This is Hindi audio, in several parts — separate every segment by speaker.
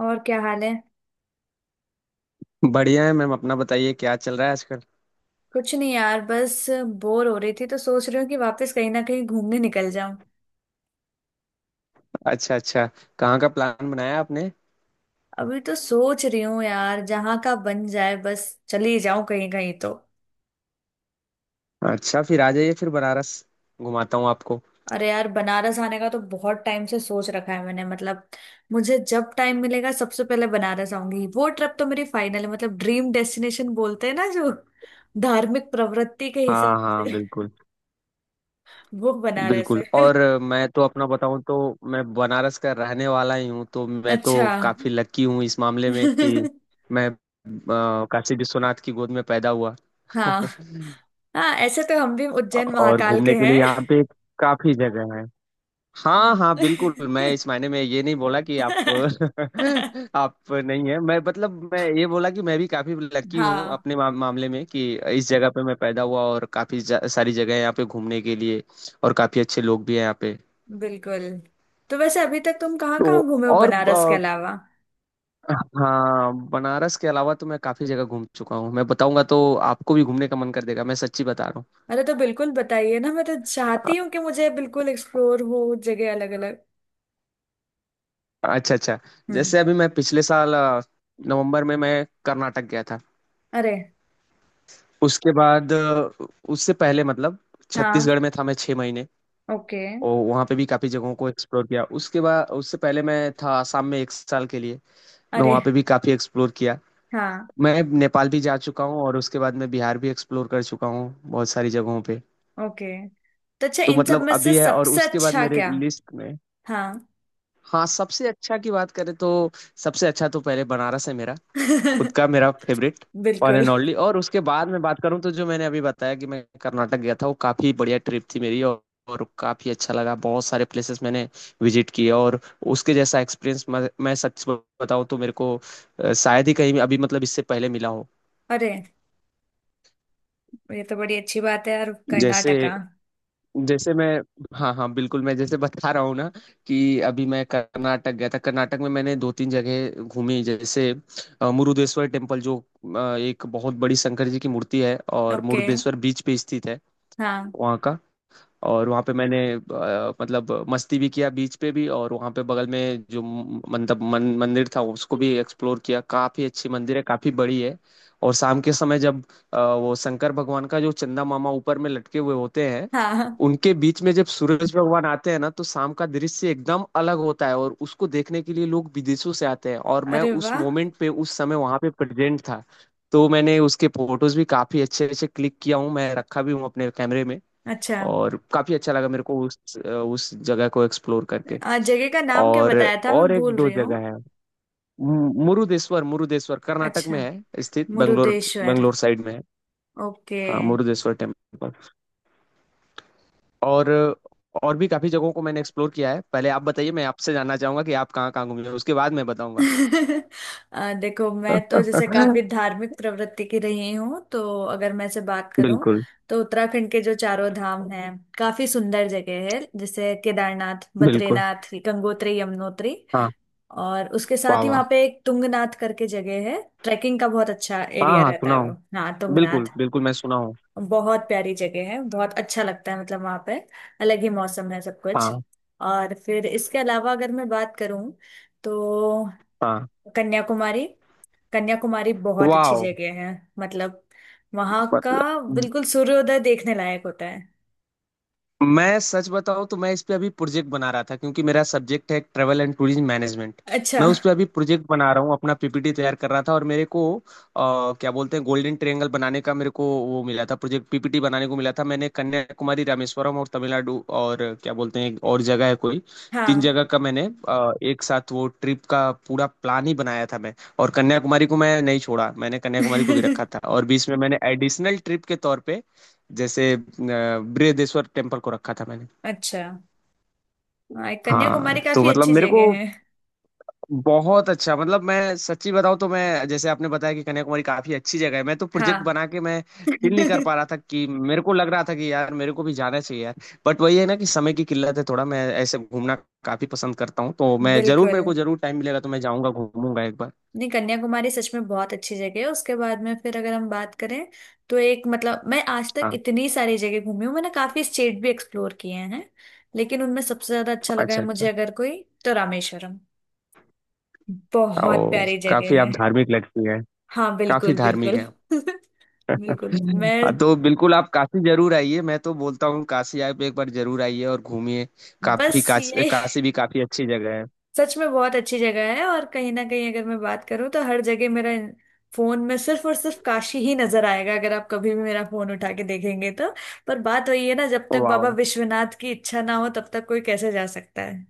Speaker 1: और क्या हाल है।
Speaker 2: बढ़िया है मैम अपना बताइए क्या चल रहा है आजकल।
Speaker 1: कुछ नहीं यार, बस बोर हो रही थी तो सोच रही हूँ कि वापस कहीं ना कहीं घूमने निकल जाऊं।
Speaker 2: अच्छा अच्छा। कहाँ का प्लान बनाया आपने?
Speaker 1: अभी तो सोच रही हूँ यार, जहाँ का बन जाए बस चली जाऊं, कहीं कहीं तो।
Speaker 2: अच्छा फिर आ जाइए फिर बनारस घुमाता हूँ आपको।
Speaker 1: अरे यार, बनारस आने का तो बहुत टाइम से सोच रखा है मैंने, मतलब मुझे जब टाइम मिलेगा सबसे पहले बनारस आऊंगी। वो ट्रिप तो मेरी फाइनल है, मतलब ड्रीम डेस्टिनेशन बोलते हैं ना जो, धार्मिक प्रवृत्ति के हिसाब
Speaker 2: हाँ हाँ
Speaker 1: से
Speaker 2: बिल्कुल
Speaker 1: वो बनारस
Speaker 2: बिल्कुल।
Speaker 1: है।
Speaker 2: और मैं तो अपना बताऊँ तो मैं बनारस का रहने वाला ही हूँ तो मैं तो
Speaker 1: अच्छा।
Speaker 2: काफी लकी हूँ इस मामले में कि मैं काशी विश्वनाथ की गोद में पैदा हुआ।
Speaker 1: हाँ हाँ, ऐसे तो हम भी उज्जैन
Speaker 2: और
Speaker 1: महाकाल
Speaker 2: घूमने
Speaker 1: के
Speaker 2: के लिए
Speaker 1: हैं।
Speaker 2: यहाँ पे काफी जगह है। हाँ हाँ बिल्कुल मैं इस मायने में ये नहीं बोला कि आप आप नहीं है मैं मतलब मैं ये बोला कि मैं भी काफी लकी हूँ
Speaker 1: हाँ
Speaker 2: अपने मामले में कि इस जगह पे मैं पैदा हुआ और काफी सारी जगह है यहाँ पे घूमने के लिए। और काफी अच्छे लोग भी हैं यहाँ पे।
Speaker 1: बिल्कुल। तो वैसे अभी तक तुम कहाँ
Speaker 2: तो
Speaker 1: कहाँ घूमे हो
Speaker 2: और
Speaker 1: बनारस के अलावा?
Speaker 2: अ, हाँ बनारस के अलावा तो मैं काफी जगह घूम चुका हूँ मैं बताऊंगा तो आपको भी घूमने का मन कर देगा मैं सच्ची बता रहा हूँ।
Speaker 1: अरे, तो बिल्कुल बताइए ना, मैं तो चाहती हूँ कि मुझे बिल्कुल एक्सप्लोर हो जगह अलग अलग।
Speaker 2: अच्छा अच्छा।
Speaker 1: हम्म।
Speaker 2: जैसे अभी मैं पिछले साल नवंबर में मैं कर्नाटक गया था।
Speaker 1: अरे,
Speaker 2: उसके बाद उससे पहले मतलब
Speaker 1: हाँ,
Speaker 2: छत्तीसगढ़ में था मैं 6 महीने।
Speaker 1: ओके।
Speaker 2: और वहाँ पे भी काफ़ी जगहों को एक्सप्लोर किया उसके बाद उससे पहले मैं था आसाम में एक साल के लिए। मैं वहाँ
Speaker 1: अरे,
Speaker 2: पे भी काफ़ी एक्सप्लोर किया।
Speaker 1: हाँ,
Speaker 2: मैं नेपाल भी जा चुका हूँ और उसके बाद मैं बिहार भी एक्सप्लोर कर चुका हूँ बहुत सारी जगहों पे।
Speaker 1: ओके। तो अच्छा,
Speaker 2: तो
Speaker 1: इन सब
Speaker 2: मतलब
Speaker 1: में से
Speaker 2: अभी है और
Speaker 1: सबसे
Speaker 2: उसके बाद
Speaker 1: अच्छा
Speaker 2: मेरे
Speaker 1: क्या?
Speaker 2: लिस्ट में।
Speaker 1: हाँ।
Speaker 2: हाँ सबसे अच्छा की बात करें तो सबसे अच्छा तो पहले बनारस है मेरा खुद का मेरा फेवरेट वन
Speaker 1: बिल्कुल।
Speaker 2: And only. और उसके बाद मैं बात करूं तो जो मैंने अभी बताया कि मैं कर्नाटक गया था वो काफ़ी बढ़िया ट्रिप थी मेरी और काफ़ी अच्छा लगा बहुत सारे प्लेसेस मैंने विजिट किए और उसके जैसा एक्सपीरियंस मैं सच बताऊं तो मेरे को शायद ही कहीं अभी मतलब इससे पहले मिला हो।
Speaker 1: अरे, ये तो बड़ी अच्छी बात है यार,
Speaker 2: जैसे
Speaker 1: कर्नाटका।
Speaker 2: जैसे मैं हाँ हाँ बिल्कुल मैं जैसे बता रहा हूँ ना कि अभी मैं कर्नाटक गया था कर्नाटक में मैंने दो तीन जगह घूमी जैसे मुरुदेश्वर टेम्पल जो एक बहुत बड़ी शंकर जी की मूर्ति है और
Speaker 1: ओके।
Speaker 2: मुरुदेश्वर बीच पे स्थित है
Speaker 1: हाँ
Speaker 2: वहाँ का। और वहाँ पे मैंने मतलब मस्ती भी किया बीच पे भी और वहाँ पे बगल में जो मंदिर था उसको भी एक्सप्लोर किया काफी अच्छी मंदिर है काफी बड़ी है। और शाम के समय जब वो शंकर भगवान का जो चंदा मामा ऊपर में लटके हुए होते हैं
Speaker 1: हाँ।
Speaker 2: उनके बीच में जब सूरज भगवान आते हैं ना तो शाम का दृश्य एकदम अलग होता है और उसको देखने के लिए लोग विदेशों से आते हैं और मैं
Speaker 1: अरे
Speaker 2: उस
Speaker 1: वाह।
Speaker 2: मोमेंट पे उस समय वहां पे प्रेजेंट था। तो मैंने उसके फोटोज भी काफी अच्छे अच्छे क्लिक किया हूँ मैं रखा भी हूँ अपने कैमरे में।
Speaker 1: अच्छा।
Speaker 2: और काफी अच्छा लगा मेरे को उस जगह को एक्सप्लोर करके।
Speaker 1: जगह का नाम क्या
Speaker 2: और
Speaker 1: बताया था, मैं
Speaker 2: और एक
Speaker 1: भूल
Speaker 2: दो
Speaker 1: रही हूँ।
Speaker 2: जगह है मुरुदेश्वर मुरुदेश्वर कर्नाटक
Speaker 1: अच्छा।
Speaker 2: में है स्थित बेंगलोर
Speaker 1: मुरुदेश्वर।
Speaker 2: बेंगलोर साइड में है।
Speaker 1: ओके।
Speaker 2: हाँ मुरुदेश्वर टेम्पल। और और भी काफी जगहों को मैंने एक्सप्लोर किया है पहले आप बताइए मैं आपसे जानना चाहूंगा कि आप कहाँ कहाँ घूमे हो, उसके बाद मैं बताऊंगा।
Speaker 1: देखो, मैं तो जैसे काफी धार्मिक प्रवृत्ति की रही हूँ, तो अगर मैं से बात करूँ
Speaker 2: बिल्कुल
Speaker 1: तो उत्तराखंड के जो चारों धाम हैं, काफी सुंदर जगह है, जैसे केदारनाथ,
Speaker 2: बिल्कुल।
Speaker 1: बद्रीनाथ, गंगोत्री, यमुनोत्री।
Speaker 2: हाँ
Speaker 1: और उसके
Speaker 2: वाह
Speaker 1: साथ ही
Speaker 2: वाह।
Speaker 1: वहाँ पे एक तुंगनाथ करके जगह है, ट्रैकिंग का बहुत अच्छा
Speaker 2: हाँ
Speaker 1: एरिया
Speaker 2: हाँ
Speaker 1: रहता
Speaker 2: सुना
Speaker 1: है
Speaker 2: हूँ।
Speaker 1: वो। हाँ,
Speaker 2: बिल्कुल
Speaker 1: तुंगनाथ।
Speaker 2: बिल्कुल मैं सुना हूँ।
Speaker 1: बहुत प्यारी जगह है, बहुत अच्छा लगता है, मतलब वहां पे अलग ही मौसम है सब कुछ।
Speaker 2: हाँ
Speaker 1: और फिर इसके अलावा अगर मैं बात करूं तो
Speaker 2: हाँ
Speaker 1: कन्याकुमारी। कन्याकुमारी बहुत अच्छी
Speaker 2: वाह।
Speaker 1: जगह है, मतलब वहां का
Speaker 2: मतलब
Speaker 1: बिल्कुल सूर्योदय देखने लायक होता है।
Speaker 2: मैं सच बताऊं तो मैं इस पे अभी प्रोजेक्ट बना रहा था क्योंकि मेरा सब्जेक्ट है ट्रैवल एंड टूरिज्म मैनेजमेंट।
Speaker 1: अच्छा।
Speaker 2: मैं उस पे अभी प्रोजेक्ट बना रहा हूँ अपना पीपीटी तैयार कर रहा था और मेरे को क्या बोलते हैं गोल्डन ट्रायंगल बनाने का मेरे को वो मिला था प्रोजेक्ट पीपीटी बनाने को मिला था मैंने कन्याकुमारी रामेश्वरम और तमिलनाडु और क्या बोलते हैं एक और जगह है कोई तीन
Speaker 1: हाँ।
Speaker 2: जगह का मैंने एक साथ वो ट्रिप का पूरा प्लान ही बनाया था मैं। और कन्याकुमारी को मैं नहीं छोड़ा मैंने कन्याकुमारी को भी रखा था और बीच में मैंने एडिशनल ट्रिप के तौर पे जैसे बृहदेश्वर टेम्पल को रखा था मैंने।
Speaker 1: अच्छा। हाँ,
Speaker 2: हाँ
Speaker 1: कन्याकुमारी
Speaker 2: तो
Speaker 1: काफी
Speaker 2: मतलब
Speaker 1: अच्छी
Speaker 2: मेरे को
Speaker 1: जगह है।
Speaker 2: बहुत अच्छा मतलब मैं सच्ची बताऊं तो मैं जैसे आपने बताया कि कन्याकुमारी काफी अच्छी जगह है मैं तो प्रोजेक्ट
Speaker 1: हाँ।
Speaker 2: बना के मैं फील नहीं कर पा रहा था कि मेरे को लग रहा था कि यार मेरे को भी जाना चाहिए यार। बट वही है ना कि समय की किल्लत है थोड़ा मैं ऐसे घूमना काफी पसंद करता हूँ तो मैं जरूर
Speaker 1: बिल्कुल।
Speaker 2: मेरे को जरूर टाइम मिलेगा तो मैं जाऊंगा घूमूंगा एक बार।
Speaker 1: नहीं, कन्याकुमारी सच में बहुत अच्छी जगह है। उसके बाद में फिर अगर हम बात करें तो एक मतलब मैं आज तक
Speaker 2: हाँ
Speaker 1: इतनी सारी जगह घूमी हूँ, मैंने काफी स्टेट भी एक्सप्लोर किए हैं, लेकिन उनमें सबसे ज्यादा अच्छा लगा
Speaker 2: अच्छा
Speaker 1: है
Speaker 2: अच्छा।
Speaker 1: मुझे अगर कोई तो रामेश्वरम। बहुत
Speaker 2: ओ
Speaker 1: प्यारी
Speaker 2: काफी
Speaker 1: जगह है।
Speaker 2: आप धार्मिक लगती है
Speaker 1: हाँ
Speaker 2: काफी
Speaker 1: बिल्कुल
Speaker 2: धार्मिक
Speaker 1: बिल्कुल।
Speaker 2: है।
Speaker 1: बिल्कुल। मैं
Speaker 2: हाँ, तो बिल्कुल आप काशी जरूर आइए मैं तो बोलता हूँ काशी आप एक बार जरूर आइए और घूमिए काफी
Speaker 1: बस
Speaker 2: काशी
Speaker 1: यही,
Speaker 2: काशी भी काफी अच्छी जगह है।
Speaker 1: सच में बहुत अच्छी जगह है। और कहीं ना कहीं अगर मैं बात करूं तो हर जगह मेरा फोन में सिर्फ और सिर्फ काशी ही नजर आएगा, अगर आप कभी भी मेरा फोन उठा के देखेंगे तो। पर बात वही है ना, जब तक बाबा
Speaker 2: वाह।
Speaker 1: विश्वनाथ की इच्छा ना हो तब तक कोई कैसे जा सकता है।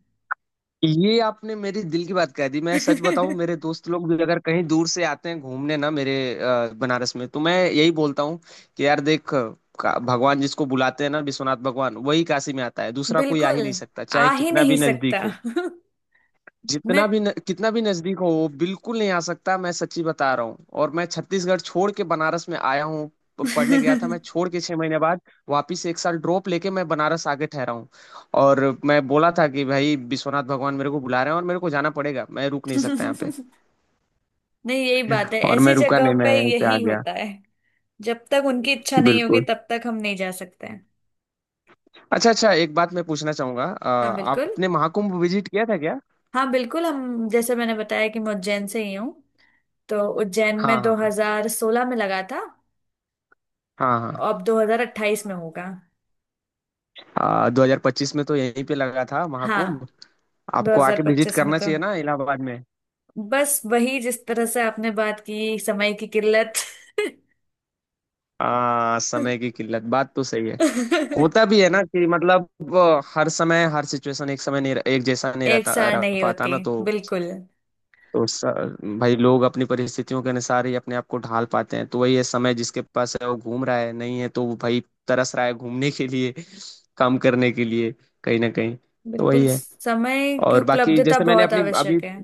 Speaker 2: ये आपने मेरी दिल की बात कह दी मैं सच बताऊं मेरे दोस्त लोग भी अगर कहीं दूर से आते हैं घूमने ना मेरे बनारस में तो मैं यही बोलता हूँ कि यार भगवान जिसको बुलाते हैं ना विश्वनाथ भगवान वही काशी में आता है दूसरा कोई आ
Speaker 1: बिल्कुल।
Speaker 2: ही नहीं सकता
Speaker 1: आ
Speaker 2: चाहे
Speaker 1: ही
Speaker 2: कितना
Speaker 1: नहीं
Speaker 2: भी
Speaker 1: सकता।
Speaker 2: नजदीक हो। जितना
Speaker 1: मैं।
Speaker 2: भी न, कितना भी नजदीक हो वो बिल्कुल नहीं आ सकता मैं सच्ची बता रहा हूँ। और मैं छत्तीसगढ़ छोड़ के बनारस में आया हूँ पढ़ने गया था मैं छोड़ के 6 महीने बाद वापिस एक साल ड्रॉप लेके मैं बनारस आके ठहरा हूँ। और मैं बोला था कि भाई विश्वनाथ भगवान मेरे को बुला रहे हैं और मेरे को जाना पड़ेगा मैं रुक नहीं सकता यहाँ पे।
Speaker 1: नहीं, यही बात है,
Speaker 2: और
Speaker 1: ऐसी
Speaker 2: मैं रुका
Speaker 1: जगह
Speaker 2: नहीं मैं
Speaker 1: पे
Speaker 2: यहीं पे आ
Speaker 1: यही
Speaker 2: गया।
Speaker 1: होता है। जब तक उनकी इच्छा नहीं होगी
Speaker 2: बिल्कुल।
Speaker 1: तब तक हम नहीं जा सकते हैं।
Speaker 2: अच्छा अच्छा एक बात मैं पूछना चाहूंगा
Speaker 1: हाँ बिल्कुल।
Speaker 2: आपने महाकुंभ विजिट किया था क्या?
Speaker 1: हाँ बिल्कुल, हम जैसे मैंने बताया कि मैं उज्जैन से ही हूँ। तो उज्जैन में
Speaker 2: हाँ
Speaker 1: 2016 में लगा था,
Speaker 2: हाँ हाँ।
Speaker 1: अब 2028 में होगा।
Speaker 2: हाँ 2025 में तो यहीं पे लगा था
Speaker 1: हाँ।
Speaker 2: महाकुंभ आपको आके विजिट
Speaker 1: 2025 में
Speaker 2: करना
Speaker 1: तो
Speaker 2: चाहिए ना इलाहाबाद में।
Speaker 1: बस वही, जिस तरह से आपने बात की, समय की किल्लत।
Speaker 2: समय की किल्लत बात तो सही है होता भी है ना कि मतलब हर समय हर सिचुएशन एक समय नहीं एक जैसा नहीं
Speaker 1: एक
Speaker 2: रहता
Speaker 1: सार
Speaker 2: रह
Speaker 1: नहीं
Speaker 2: पाता
Speaker 1: होती।
Speaker 2: ना। तो
Speaker 1: बिल्कुल।
Speaker 2: तो स, भाई लोग अपनी परिस्थितियों के अनुसार ही अपने आप को ढाल पाते हैं तो वही है समय जिसके पास है वो घूम रहा है नहीं है तो वो भाई तरस रहा है घूमने के लिए काम करने के लिए कहीं ना कहीं तो
Speaker 1: बिल्कुल,
Speaker 2: वही है।
Speaker 1: समय की
Speaker 2: और बाकी
Speaker 1: उपलब्धता
Speaker 2: जैसे मैंने
Speaker 1: बहुत
Speaker 2: अपनी अभी
Speaker 1: आवश्यक है।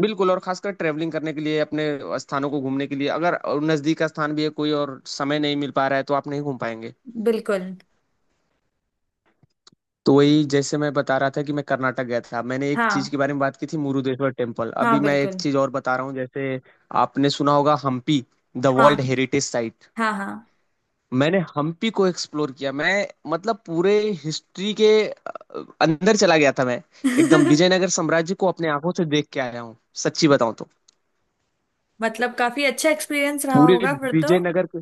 Speaker 2: बिल्कुल और खासकर ट्रैवलिंग करने के लिए अपने स्थानों को घूमने के लिए अगर नज़दीक का स्थान भी है कोई और समय नहीं मिल पा रहा है तो आप नहीं घूम पाएंगे।
Speaker 1: बिल्कुल।
Speaker 2: तो वही जैसे मैं बता रहा था कि मैं कर्नाटक गया था मैंने एक
Speaker 1: हाँ
Speaker 2: चीज के बारे में बात की थी मुरुदेश्वर टेम्पल
Speaker 1: हाँ
Speaker 2: अभी मैं एक
Speaker 1: बिल्कुल।
Speaker 2: चीज और बता रहा हूँ जैसे आपने सुना होगा हम्पी द
Speaker 1: हाँ
Speaker 2: वर्ल्ड हेरिटेज साइट।
Speaker 1: हाँ हाँ।
Speaker 2: मैंने हम्पी को एक्सप्लोर किया मैं मतलब पूरे हिस्ट्री के अंदर चला गया था मैं एकदम विजयनगर साम्राज्य को अपने आंखों से देख के आया हूँ सच्ची बताऊं तो।
Speaker 1: मतलब काफी अच्छा एक्सपीरियंस रहा
Speaker 2: पूरे
Speaker 1: होगा फिर तो।
Speaker 2: विजयनगर के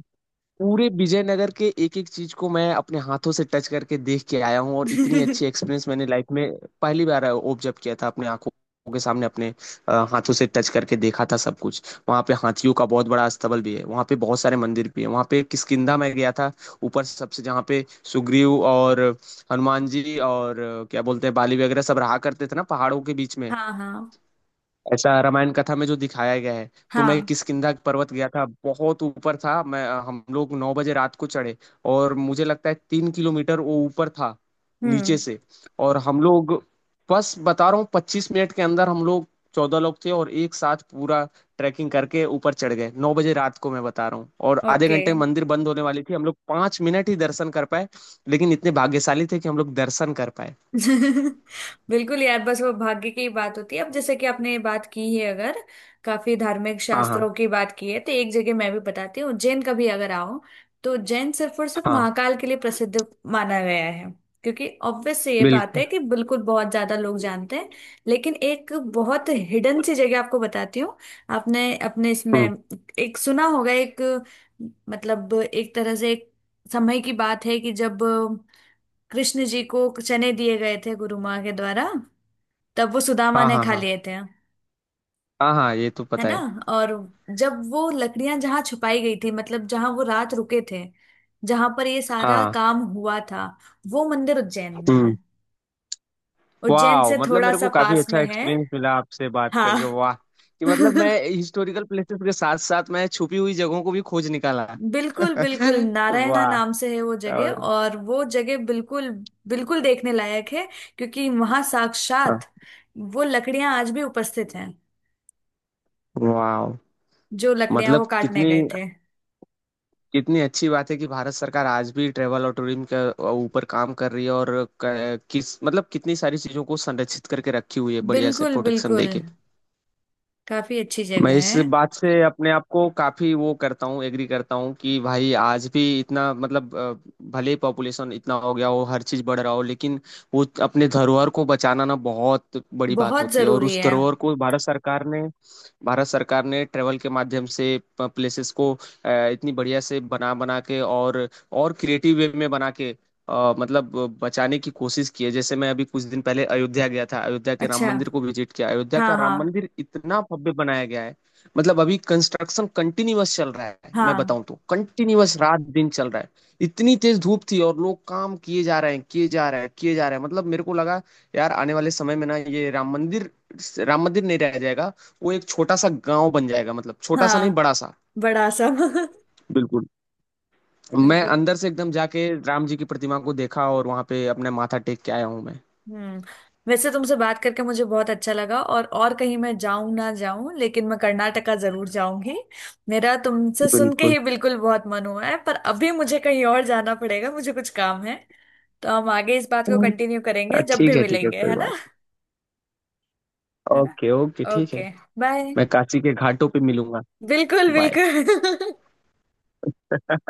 Speaker 2: पूरे विजयनगर के एक एक चीज को मैं अपने हाथों से टच करके देख के आया हूँ और इतनी अच्छी एक्सपीरियंस मैंने लाइफ में पहली बार ऑब्जर्व किया था अपने आंखों के सामने अपने हाथों से टच करके देखा था सब कुछ। वहाँ पे हाथियों का बहुत बड़ा अस्तबल भी है वहाँ पे बहुत सारे मंदिर भी है वहाँ पे किष्किंधा में गया था ऊपर सबसे जहाँ पे सुग्रीव और हनुमान जी और क्या बोलते हैं बाली वगैरह सब रहा करते थे ना पहाड़ों के बीच में
Speaker 1: हाँ हाँ
Speaker 2: ऐसा रामायण कथा में जो दिखाया गया है। तो मैं
Speaker 1: हाँ।
Speaker 2: किष्किंधा पर्वत गया था बहुत ऊपर था मैं हम लोग 9 बजे रात को चढ़े और मुझे लगता है 3 किलोमीटर वो ऊपर था नीचे
Speaker 1: हम्म।
Speaker 2: से। और हम लोग बस बता रहा हूँ 25 मिनट के अंदर हम लोग 14 लोग थे और एक साथ पूरा ट्रैकिंग करके ऊपर चढ़ गए 9 बजे रात को मैं बता रहा हूँ और आधे
Speaker 1: ओके।
Speaker 2: घंटे में मंदिर बंद होने वाली थी हम लोग 5 मिनट ही दर्शन कर पाए लेकिन इतने भाग्यशाली थे कि हम लोग दर्शन कर पाए।
Speaker 1: बिल्कुल यार, बस वो भाग्य की बात होती है। अब जैसे कि आपने बात की है, अगर काफी धार्मिक
Speaker 2: हाँ हाँ
Speaker 1: शास्त्रों की बात की है, तो एक जगह मैं भी बताती हूँ। उज्जैन का भी अगर आओ तो उज्जैन सिर्फ और सिर्फ
Speaker 2: हाँ
Speaker 1: महाकाल के लिए प्रसिद्ध माना गया है। क्योंकि ऑब्वियस से ये बात
Speaker 2: बिल्कुल।
Speaker 1: है कि बिल्कुल बहुत ज्यादा लोग जानते हैं। लेकिन एक बहुत हिडन सी जगह आपको बताती हूँ। आपने अपने इसमें
Speaker 2: हम्म।
Speaker 1: एक सुना होगा, एक मतलब एक तरह से एक समय की बात है कि जब कृष्ण जी को चने दिए गए थे गुरु माँ के द्वारा, तब वो सुदामा
Speaker 2: हाँ
Speaker 1: ने
Speaker 2: हाँ
Speaker 1: खा
Speaker 2: हाँ
Speaker 1: लिए थे।
Speaker 2: हाँ हाँ ये तो
Speaker 1: है
Speaker 2: पता
Speaker 1: ना।
Speaker 2: है।
Speaker 1: और जब वो लकड़ियां जहां छुपाई गई थी, मतलब जहां वो रात रुके थे, जहां पर ये सारा
Speaker 2: हाँ
Speaker 1: काम हुआ था, वो मंदिर उज्जैन में है।
Speaker 2: हम्म
Speaker 1: उज्जैन
Speaker 2: वाह।
Speaker 1: से
Speaker 2: मतलब
Speaker 1: थोड़ा
Speaker 2: मेरे
Speaker 1: सा
Speaker 2: को काफी
Speaker 1: पास में
Speaker 2: अच्छा
Speaker 1: है।
Speaker 2: एक्सपीरियंस मिला आपसे बात करके
Speaker 1: हाँ।
Speaker 2: वाह कि मतलब मैं हिस्टोरिकल प्लेसेस के साथ साथ मैं छुपी हुई जगहों को भी खोज निकाला।
Speaker 1: बिल्कुल बिल्कुल, नारायणा
Speaker 2: वाह।
Speaker 1: नाम से है वो जगह,
Speaker 2: और
Speaker 1: और वो जगह बिल्कुल बिल्कुल देखने लायक है। क्योंकि वहां साक्षात वो लकड़ियां आज भी उपस्थित हैं,
Speaker 2: वाह
Speaker 1: जो लकड़ियां वो
Speaker 2: मतलब
Speaker 1: काटने
Speaker 2: कितनी
Speaker 1: गए थे।
Speaker 2: कितनी अच्छी बात है कि भारत सरकार आज भी ट्रेवल और टूरिज्म के ऊपर काम कर रही है और किस मतलब कितनी सारी चीजों को संरक्षित करके रखी हुई है बढ़िया से
Speaker 1: बिल्कुल
Speaker 2: प्रोटेक्शन
Speaker 1: बिल्कुल।
Speaker 2: देके।
Speaker 1: काफी अच्छी
Speaker 2: मैं
Speaker 1: जगह है।
Speaker 2: इस बात से अपने आप को काफी वो करता हूँ एग्री करता हूँ कि भाई आज भी इतना मतलब भले पॉपुलेशन इतना हो गया हो हर चीज बढ़ रहा हो लेकिन वो अपने धरोहर को बचाना ना बहुत बड़ी बात
Speaker 1: बहुत
Speaker 2: होती है और
Speaker 1: जरूरी
Speaker 2: उस
Speaker 1: है।
Speaker 2: धरोहर को भारत सरकार ने ट्रेवल के माध्यम से प्लेसेस को इतनी बढ़िया से बना बना के और क्रिएटिव वे में बना के मतलब बचाने की कोशिश की है। जैसे मैं अभी कुछ दिन पहले अयोध्या गया था अयोध्या के राम
Speaker 1: अच्छा।
Speaker 2: मंदिर को विजिट किया अयोध्या का
Speaker 1: हाँ
Speaker 2: राम
Speaker 1: हाँ
Speaker 2: मंदिर इतना भव्य बनाया गया है मतलब अभी कंस्ट्रक्शन कंटिन्यूअस चल रहा है मैं
Speaker 1: हाँ
Speaker 2: बताऊं तो कंटिन्यूअस रात दिन चल रहा है। इतनी तेज धूप थी और लोग काम किए जा रहे हैं किए जा रहे हैं किए जा रहे हैं मतलब मेरे को लगा यार आने वाले समय में ना ये राम मंदिर नहीं रह जाएगा वो एक छोटा सा गांव बन जाएगा मतलब छोटा सा नहीं
Speaker 1: हाँ।
Speaker 2: बड़ा सा।
Speaker 1: बड़ा सा।
Speaker 2: बिल्कुल मैं
Speaker 1: बिल्कुल।
Speaker 2: अंदर से एकदम जाके राम जी की प्रतिमा को देखा और वहां पे अपने माथा टेक के आया हूँ मैं।
Speaker 1: हम्म। वैसे तुमसे बात करके मुझे बहुत अच्छा लगा, और कहीं मैं जाऊं ना जाऊं, लेकिन मैं कर्नाटका जरूर जाऊंगी। मेरा तुमसे सुन के
Speaker 2: बिल्कुल
Speaker 1: ही बिल्कुल बहुत मन हुआ है, पर अभी मुझे कहीं और जाना पड़ेगा, मुझे कुछ काम है। तो हम आगे इस बात को कंटिन्यू
Speaker 2: अ,
Speaker 1: करेंगे जब भी
Speaker 2: ठीक है
Speaker 1: मिलेंगे,
Speaker 2: कोई
Speaker 1: है ना।
Speaker 2: बात
Speaker 1: है ना।
Speaker 2: ओके ओके ठीक है।
Speaker 1: ओके। बाय।
Speaker 2: मैं काशी के घाटों पे मिलूंगा।
Speaker 1: बिल्कुल
Speaker 2: बाय।
Speaker 1: बिल्कुल।